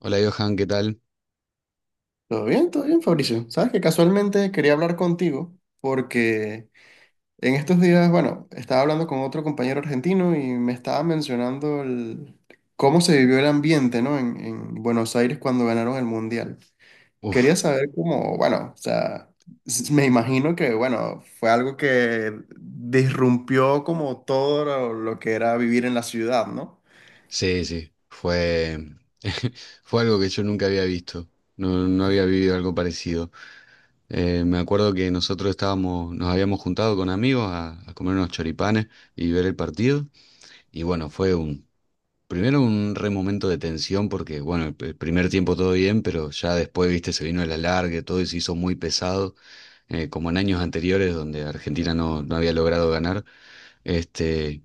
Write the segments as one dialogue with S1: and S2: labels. S1: Hola Johan, ¿qué tal?
S2: Todo bien, Fabricio. Sabes que casualmente quería hablar contigo porque en estos días, bueno, estaba hablando con otro compañero argentino y me estaba mencionando cómo se vivió el ambiente, ¿no? En Buenos Aires cuando ganaron el Mundial. Quería
S1: Uf,
S2: saber cómo, bueno, o sea, me imagino que, bueno, fue algo que disrumpió como todo lo que era vivir en la ciudad, ¿no?
S1: sí, sí, fue, fue algo que yo nunca había visto, no, no había vivido algo parecido. Me acuerdo que nosotros estábamos, nos habíamos juntado con amigos a comer unos choripanes y ver el partido, y bueno, primero un re momento de tensión porque, bueno, el primer tiempo todo bien, pero ya después, viste, se vino el alargue, todo y se hizo muy pesado, como en años anteriores donde Argentina no había logrado ganar, este...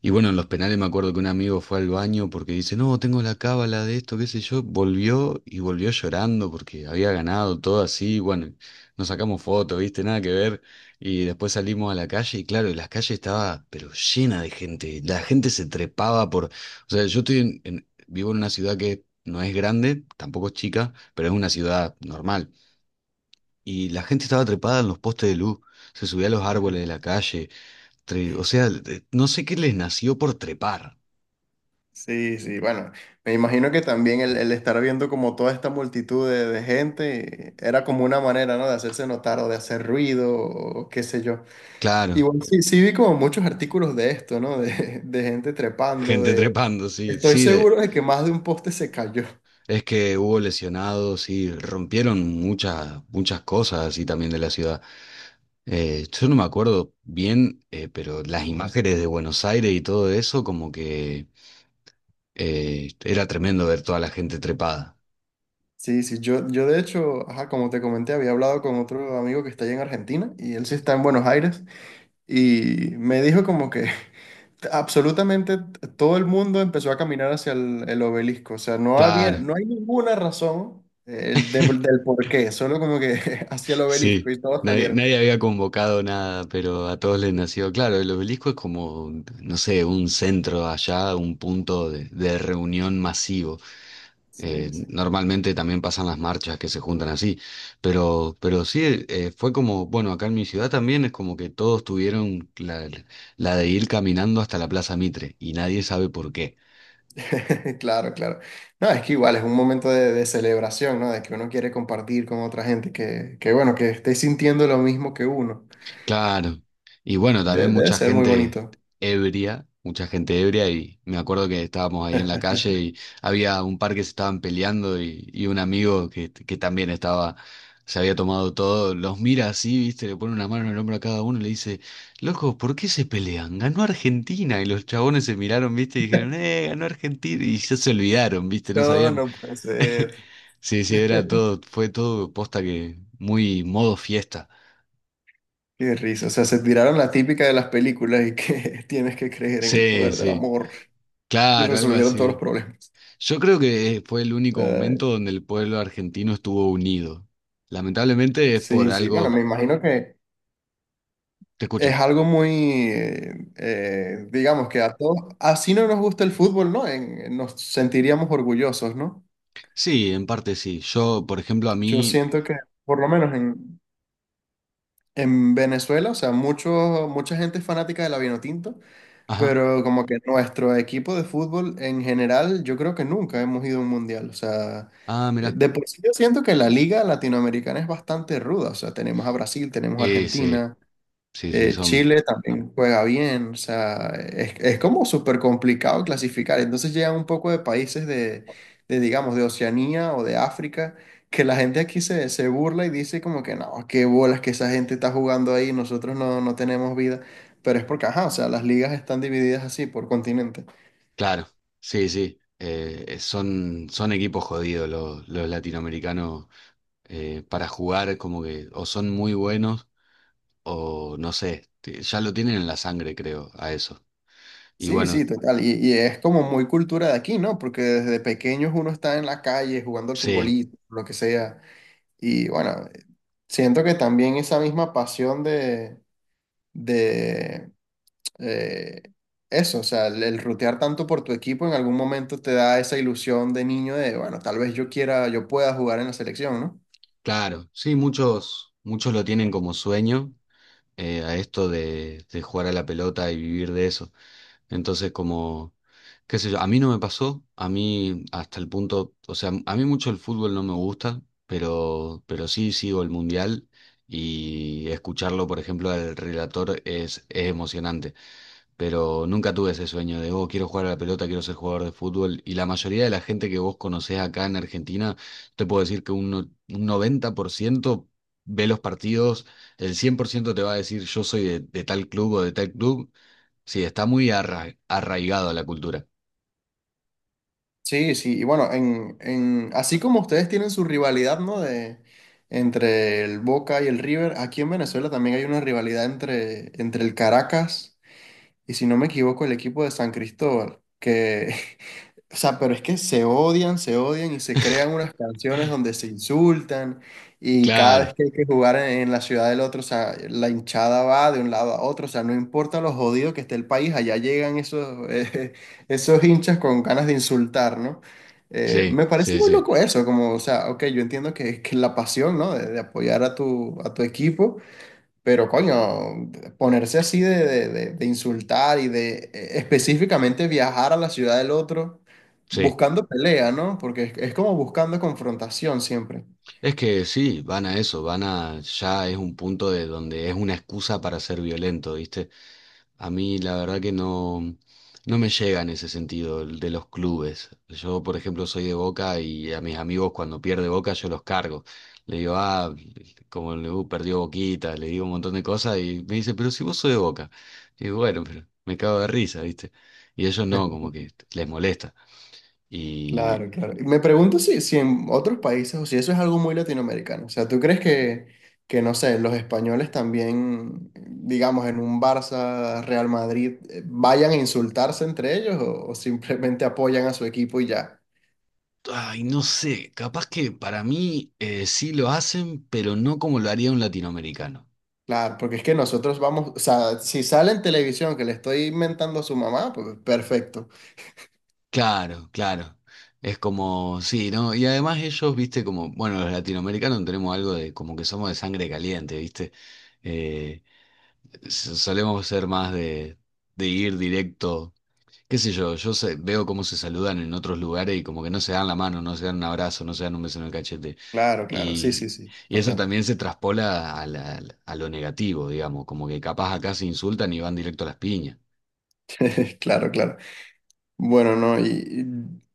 S1: Y bueno, en los penales me acuerdo que un amigo fue al baño porque dice, no, tengo la cábala de esto, qué sé yo. Volvió y volvió llorando porque había ganado todo así. Bueno, nos sacamos fotos, viste, nada que ver. Y después salimos a la calle y claro, la calle estaba pero llena de gente. La gente se trepaba por... O sea, yo estoy vivo en una ciudad que no es grande, tampoco es chica, pero es una ciudad normal. Y la gente estaba trepada en los postes de luz, se subía a los árboles de la calle. O sea, no sé qué les nació por trepar.
S2: Sí, sí, bueno, me imagino que también el estar viendo como toda esta multitud de gente era como una manera, ¿no? De hacerse notar o de hacer ruido o qué sé yo.
S1: Claro,
S2: Igual sí, sí vi como muchos artículos de esto, ¿no? De gente trepando,
S1: gente
S2: de...
S1: trepando, sí,
S2: Estoy
S1: sí,
S2: seguro de que más de un poste se cayó.
S1: es que hubo lesionados, sí, rompieron muchas, muchas cosas así también de la ciudad. Yo no me acuerdo bien, pero las imágenes de Buenos Aires y todo eso, como que era tremendo ver toda la gente trepada.
S2: Sí, sí, yo de hecho, ajá, como te comenté, había hablado con otro amigo que está allá en Argentina y él sí está en Buenos Aires. Y me dijo como que absolutamente todo el mundo empezó a caminar hacia el obelisco. O sea,
S1: Claro,
S2: no hay ninguna razón del por qué, solo como que hacia el obelisco
S1: sí,
S2: y todos
S1: nadie,
S2: salieron.
S1: nadie había convocado nada, pero a todos les nació. Claro, el obelisco es como, no sé, un centro allá, un punto de reunión masivo.
S2: Sí, sí.
S1: Normalmente también pasan las marchas que se juntan así, pero sí, fue como, bueno, acá en mi ciudad también es como que todos tuvieron la de ir caminando hasta la Plaza Mitre y nadie sabe por qué.
S2: Claro, claro. No, es que igual es un momento de celebración, ¿no? De que uno quiere compartir con otra gente que bueno, que esté sintiendo lo mismo que uno.
S1: Claro. Y bueno, también
S2: Debe
S1: mucha
S2: ser muy
S1: gente
S2: bonito.
S1: ebria, y me acuerdo que estábamos ahí en la calle y había un par que se estaban peleando y un amigo que también estaba, se había tomado todo, los mira así, viste, le pone una mano en el hombro a cada uno y le dice, loco, ¿por qué se pelean? Ganó Argentina y los chabones se miraron, viste, y dijeron, ganó Argentina y ya se olvidaron, viste, no
S2: No,
S1: sabían.
S2: no puede ser.
S1: Sí, sí, era todo, fue todo posta que muy modo fiesta.
S2: Qué risa, o sea, se tiraron la típica de las películas y que tienes que creer en el
S1: Sí,
S2: poder del
S1: sí.
S2: amor y
S1: Claro, algo
S2: resolvieron todos los
S1: así.
S2: problemas.
S1: Yo creo que fue el único
S2: Eh,
S1: momento donde el pueblo argentino estuvo unido. Lamentablemente es por
S2: sí, sí, bueno,
S1: algo...
S2: me imagino que
S1: Te
S2: es
S1: escucho.
S2: algo muy, digamos que a todos, así no nos gusta el fútbol, ¿no? Nos sentiríamos orgullosos, ¿no?
S1: Sí, en parte sí. Yo, por ejemplo, a
S2: Yo
S1: mí...
S2: siento que, por lo menos en Venezuela, o sea, mucha gente es fanática de la vinotinto.
S1: Ajá.
S2: Pero como que nuestro equipo de fútbol en general, yo creo que nunca hemos ido a un mundial. O sea,
S1: Ah, mirá.
S2: de por sí yo siento que la liga latinoamericana es bastante ruda. O sea, tenemos a Brasil, tenemos a
S1: Sí,
S2: Argentina,
S1: sí, sí, son...
S2: Chile también juega bien, o sea, es como súper complicado clasificar. Entonces llegan un poco de países de, digamos, de Oceanía o de África, que la gente aquí se burla y dice como que no, qué bolas que esa gente está jugando ahí, nosotros no, no tenemos vida. Pero es porque, ajá, o sea, las ligas están divididas así por continente.
S1: Claro, sí, sí. Son equipos jodidos los latinoamericanos para jugar como que o son muy buenos o no sé, ya lo tienen en la sangre, creo, a eso. Y
S2: Sí,
S1: bueno,
S2: sí, total. Y es como muy cultura de aquí, ¿no? Porque desde pequeños uno está en la calle jugando al
S1: sí.
S2: futbolito, lo que sea. Y bueno, siento que también esa misma pasión de eh, eso, o sea, el rutear tanto por tu equipo en algún momento te da esa ilusión de niño de, bueno, tal vez yo quiera, yo pueda jugar en la selección, ¿no?
S1: Claro, sí, muchos, muchos lo tienen como sueño a esto de, jugar a la pelota y vivir de eso. Entonces, como, qué sé yo, a mí no me pasó, a mí hasta el punto, o sea, a mí mucho el fútbol no me gusta, pero sí sigo el mundial y escucharlo, por ejemplo, al relator es, emocionante pero nunca tuve ese sueño de, oh, quiero jugar a la pelota, quiero ser jugador de fútbol. Y la mayoría de la gente que vos conocés acá en Argentina, te puedo decir que un, no- un 90% ve los partidos, el 100% te va a decir, yo soy de, tal club o de tal club. Sí, está muy arraigado a la cultura.
S2: Sí, sí, y bueno, así como ustedes tienen su rivalidad, ¿no? Entre el Boca y el River, aquí en Venezuela también hay una rivalidad entre el Caracas y, si no me equivoco, el equipo de San Cristóbal, que O sea, pero es que se odian y se crean unas canciones donde se insultan y cada
S1: Claro,
S2: vez que hay que jugar en la ciudad del otro, o sea, la hinchada va de un lado a otro, o sea, no importa lo jodido que esté el país, allá llegan esos hinchas con ganas de insultar, ¿no? Eh,
S1: sí,
S2: me parece
S1: sí,
S2: muy
S1: sí,
S2: loco eso, como, o sea, ok, yo entiendo que la pasión, ¿no? De apoyar a tu equipo. Pero coño, ponerse así de insultar y de específicamente viajar a la ciudad del otro
S1: sí.
S2: buscando pelea, ¿no? Porque es como buscando confrontación siempre.
S1: Es que sí, van a eso, van a, ya es un punto de donde es una excusa para ser violento, ¿viste? A mí la verdad que no me llega en ese sentido el de los clubes. Yo, por ejemplo, soy de Boca y a mis amigos cuando pierde Boca yo los cargo. Le digo, ah, como le perdió Boquita, le digo un montón de cosas y me dice, pero si vos sos de Boca. Y digo, bueno, pero me cago de risa, ¿viste? Y ellos no, como que les molesta. Y,
S2: Claro, claro. Y me pregunto si en otros países o si eso es algo muy latinoamericano. O sea, ¿tú crees que, no sé, los españoles también, digamos, en un Barça, Real Madrid, vayan a insultarse entre ellos o simplemente apoyan a su equipo y ya?
S1: Ay, no sé, capaz que para mí sí lo hacen, pero no como lo haría un latinoamericano.
S2: Claro, porque es que nosotros vamos, o sea, si sale en televisión que le estoy inventando a su mamá, pues perfecto.
S1: Claro, claro. Es como, sí, ¿no? Y además ellos, viste, como, bueno, los latinoamericanos tenemos algo de, como que somos de sangre caliente, viste. Eh, solemos ser más de ir directo, qué sé yo, veo cómo se saludan en otros lugares y como que no se dan la mano, no se dan un abrazo, no se dan un beso en el cachete.
S2: Claro, claro, sí, sí,
S1: Y,
S2: sí,
S1: y eso
S2: total.
S1: también se traspola a a lo negativo, digamos, como que capaz acá se insultan y van directo a las piñas.
S2: Claro, claro. Bueno, no, y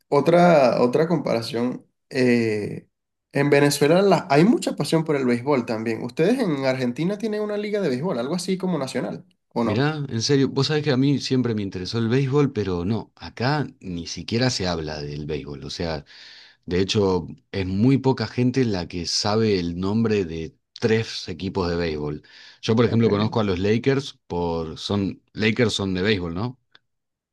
S2: otra comparación. En Venezuela hay mucha pasión por el béisbol también. ¿Ustedes en Argentina tienen una liga de béisbol, algo así como nacional, o no?
S1: Mirá, en serio, vos sabés que a mí siempre me interesó el béisbol, pero no, acá ni siquiera se habla del béisbol. O sea, de hecho, es muy poca gente la que sabe el nombre de tres equipos de béisbol. Yo, por
S2: Ok.
S1: ejemplo, conozco a los Lakers por, son, Lakers son de béisbol, ¿no?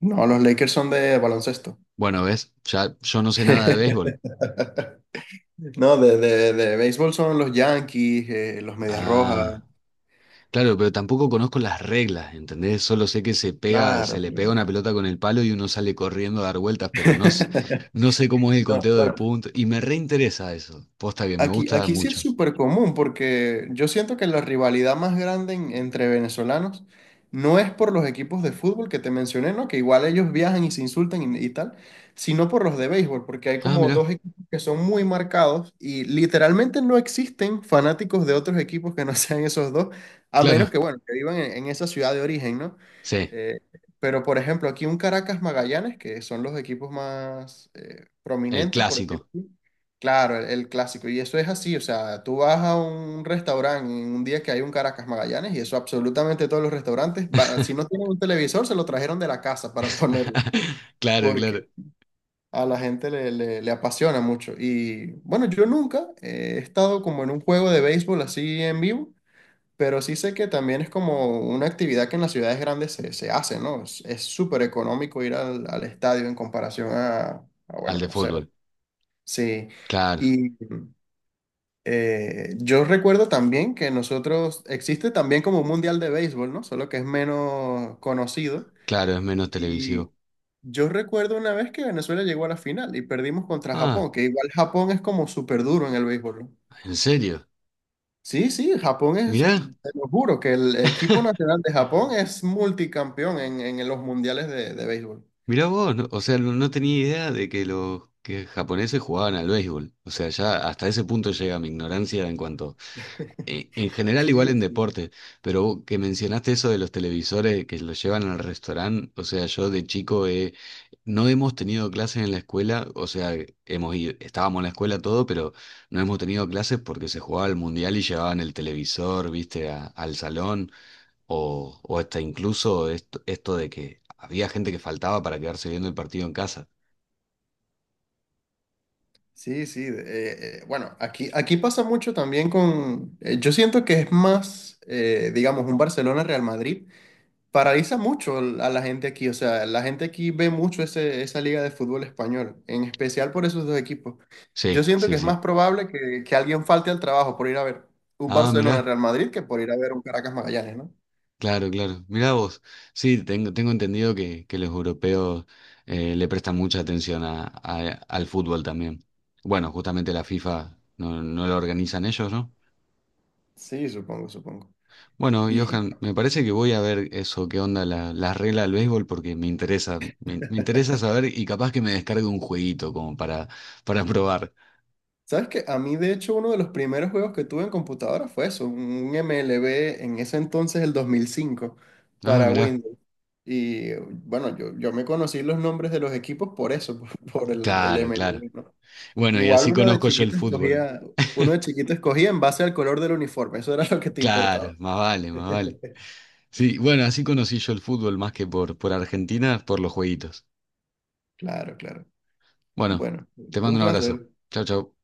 S2: No, los Lakers son de baloncesto.
S1: Bueno, ves, ya yo no sé nada de béisbol.
S2: No, de béisbol son los Yankees, los Medias Rojas.
S1: Ah, claro, pero tampoco conozco las reglas, ¿entendés? Solo sé que se pega,
S2: Claro,
S1: se le pega
S2: claro.
S1: una pelota con el palo y uno sale corriendo a dar vueltas, pero no, no sé cómo es el
S2: No,
S1: conteo de
S2: bueno,
S1: puntos. Y me reinteresa eso. Posta que me
S2: Aquí,
S1: gusta
S2: aquí sí es
S1: mucho.
S2: súper común porque yo siento que la rivalidad más grande entre venezolanos no es por los equipos de fútbol que te mencioné, ¿no? Que igual ellos viajan y se insultan y tal, sino por los de béisbol, porque hay
S1: Ah,
S2: como
S1: mirá,
S2: dos equipos que son muy marcados y literalmente no existen fanáticos de otros equipos que no sean esos dos, a menos
S1: claro,
S2: que, bueno, que vivan en esa ciudad de origen, ¿no?
S1: sí,
S2: Eh, pero, por ejemplo, aquí un Caracas Magallanes, que son los equipos más
S1: el
S2: prominentes, por decirlo
S1: clásico.
S2: así. Claro, el clásico. Y eso es así, o sea, tú vas a un restaurante en un día que hay un Caracas Magallanes y eso absolutamente todos los restaurantes, si no tienen un televisor, se lo trajeron de la casa para ponerlo,
S1: Claro, claro.
S2: porque a la gente le apasiona mucho. Y bueno, yo nunca he estado como en un juego de béisbol así en vivo, pero sí sé que también es como una actividad que en las ciudades grandes se hace, ¿no? Es súper económico ir al estadio en comparación a,
S1: Al
S2: bueno,
S1: de
S2: no sé,
S1: fútbol.
S2: sí.
S1: Claro,
S2: Y... yo recuerdo también que nosotros existe también como un mundial de béisbol, ¿no? Solo que es menos conocido.
S1: claro, es menos
S2: Y
S1: televisivo.
S2: yo recuerdo una vez que Venezuela llegó a la final y perdimos contra
S1: Ah,
S2: Japón, que igual Japón es como súper duro en el béisbol, ¿no?
S1: ¿en serio?
S2: Sí, sí, Japón es,
S1: Mirá,
S2: te lo juro, que el equipo nacional de Japón es multicampeón en los mundiales de béisbol.
S1: mirá vos. O sea, no tenía idea de que los que japoneses jugaban al béisbol. O sea, ya hasta ese punto llega mi ignorancia en cuanto. En general, igual
S2: Sí,
S1: en
S2: sí.
S1: deporte, pero vos que mencionaste eso de los televisores que los llevan al restaurante, o sea, yo de chico no hemos tenido clases en la escuela, o sea, estábamos en la escuela todo, pero no hemos tenido clases porque se jugaba el mundial y llevaban el televisor, viste, al salón, o hasta incluso esto de que había gente que faltaba para quedarse viendo el partido en casa.
S2: Sí, sí. Bueno, aquí pasa mucho también . Yo siento que es más, digamos, un Barcelona-Real Madrid. Paraliza mucho a la gente aquí. O sea, la gente aquí ve mucho esa liga de fútbol español, en especial por esos dos equipos. Yo
S1: Sí,
S2: siento que
S1: sí,
S2: es más
S1: sí.
S2: probable que alguien falte al trabajo por ir a ver un
S1: Ah, mirá.
S2: Barcelona-Real Madrid que por ir a ver un Caracas-Magallanes, ¿no?
S1: Claro, claro. Mirá vos. Sí, tengo entendido que, los europeos le prestan mucha atención a, al fútbol también. Bueno, justamente la FIFA no lo organizan ellos, ¿no?
S2: Sí, supongo, supongo.
S1: Bueno,
S2: Y...
S1: Johan, me parece que voy a ver eso, qué onda la regla del béisbol, porque me interesa, me interesa saber y capaz que me descargue un jueguito como para, probar.
S2: ¿Sabes qué? A mí, de hecho, uno de los primeros juegos que tuve en computadora fue eso, un MLB en ese entonces, el 2005
S1: Ah,
S2: para
S1: mirá.
S2: Windows. Y bueno, yo me conocí los nombres de los equipos por eso, por el
S1: Claro, claro.
S2: MLB, ¿no?
S1: Bueno, y
S2: Igual
S1: así conozco yo el fútbol.
S2: uno de chiquito escogía en base al color del uniforme, eso era lo que te
S1: Claro,
S2: importaba.
S1: más vale, más vale. Sí, bueno, así conocí yo el fútbol más que por, Argentina, por los jueguitos.
S2: Claro, claro.
S1: Bueno,
S2: Bueno,
S1: te mando
S2: un
S1: un abrazo.
S2: placer.
S1: Chau, chau.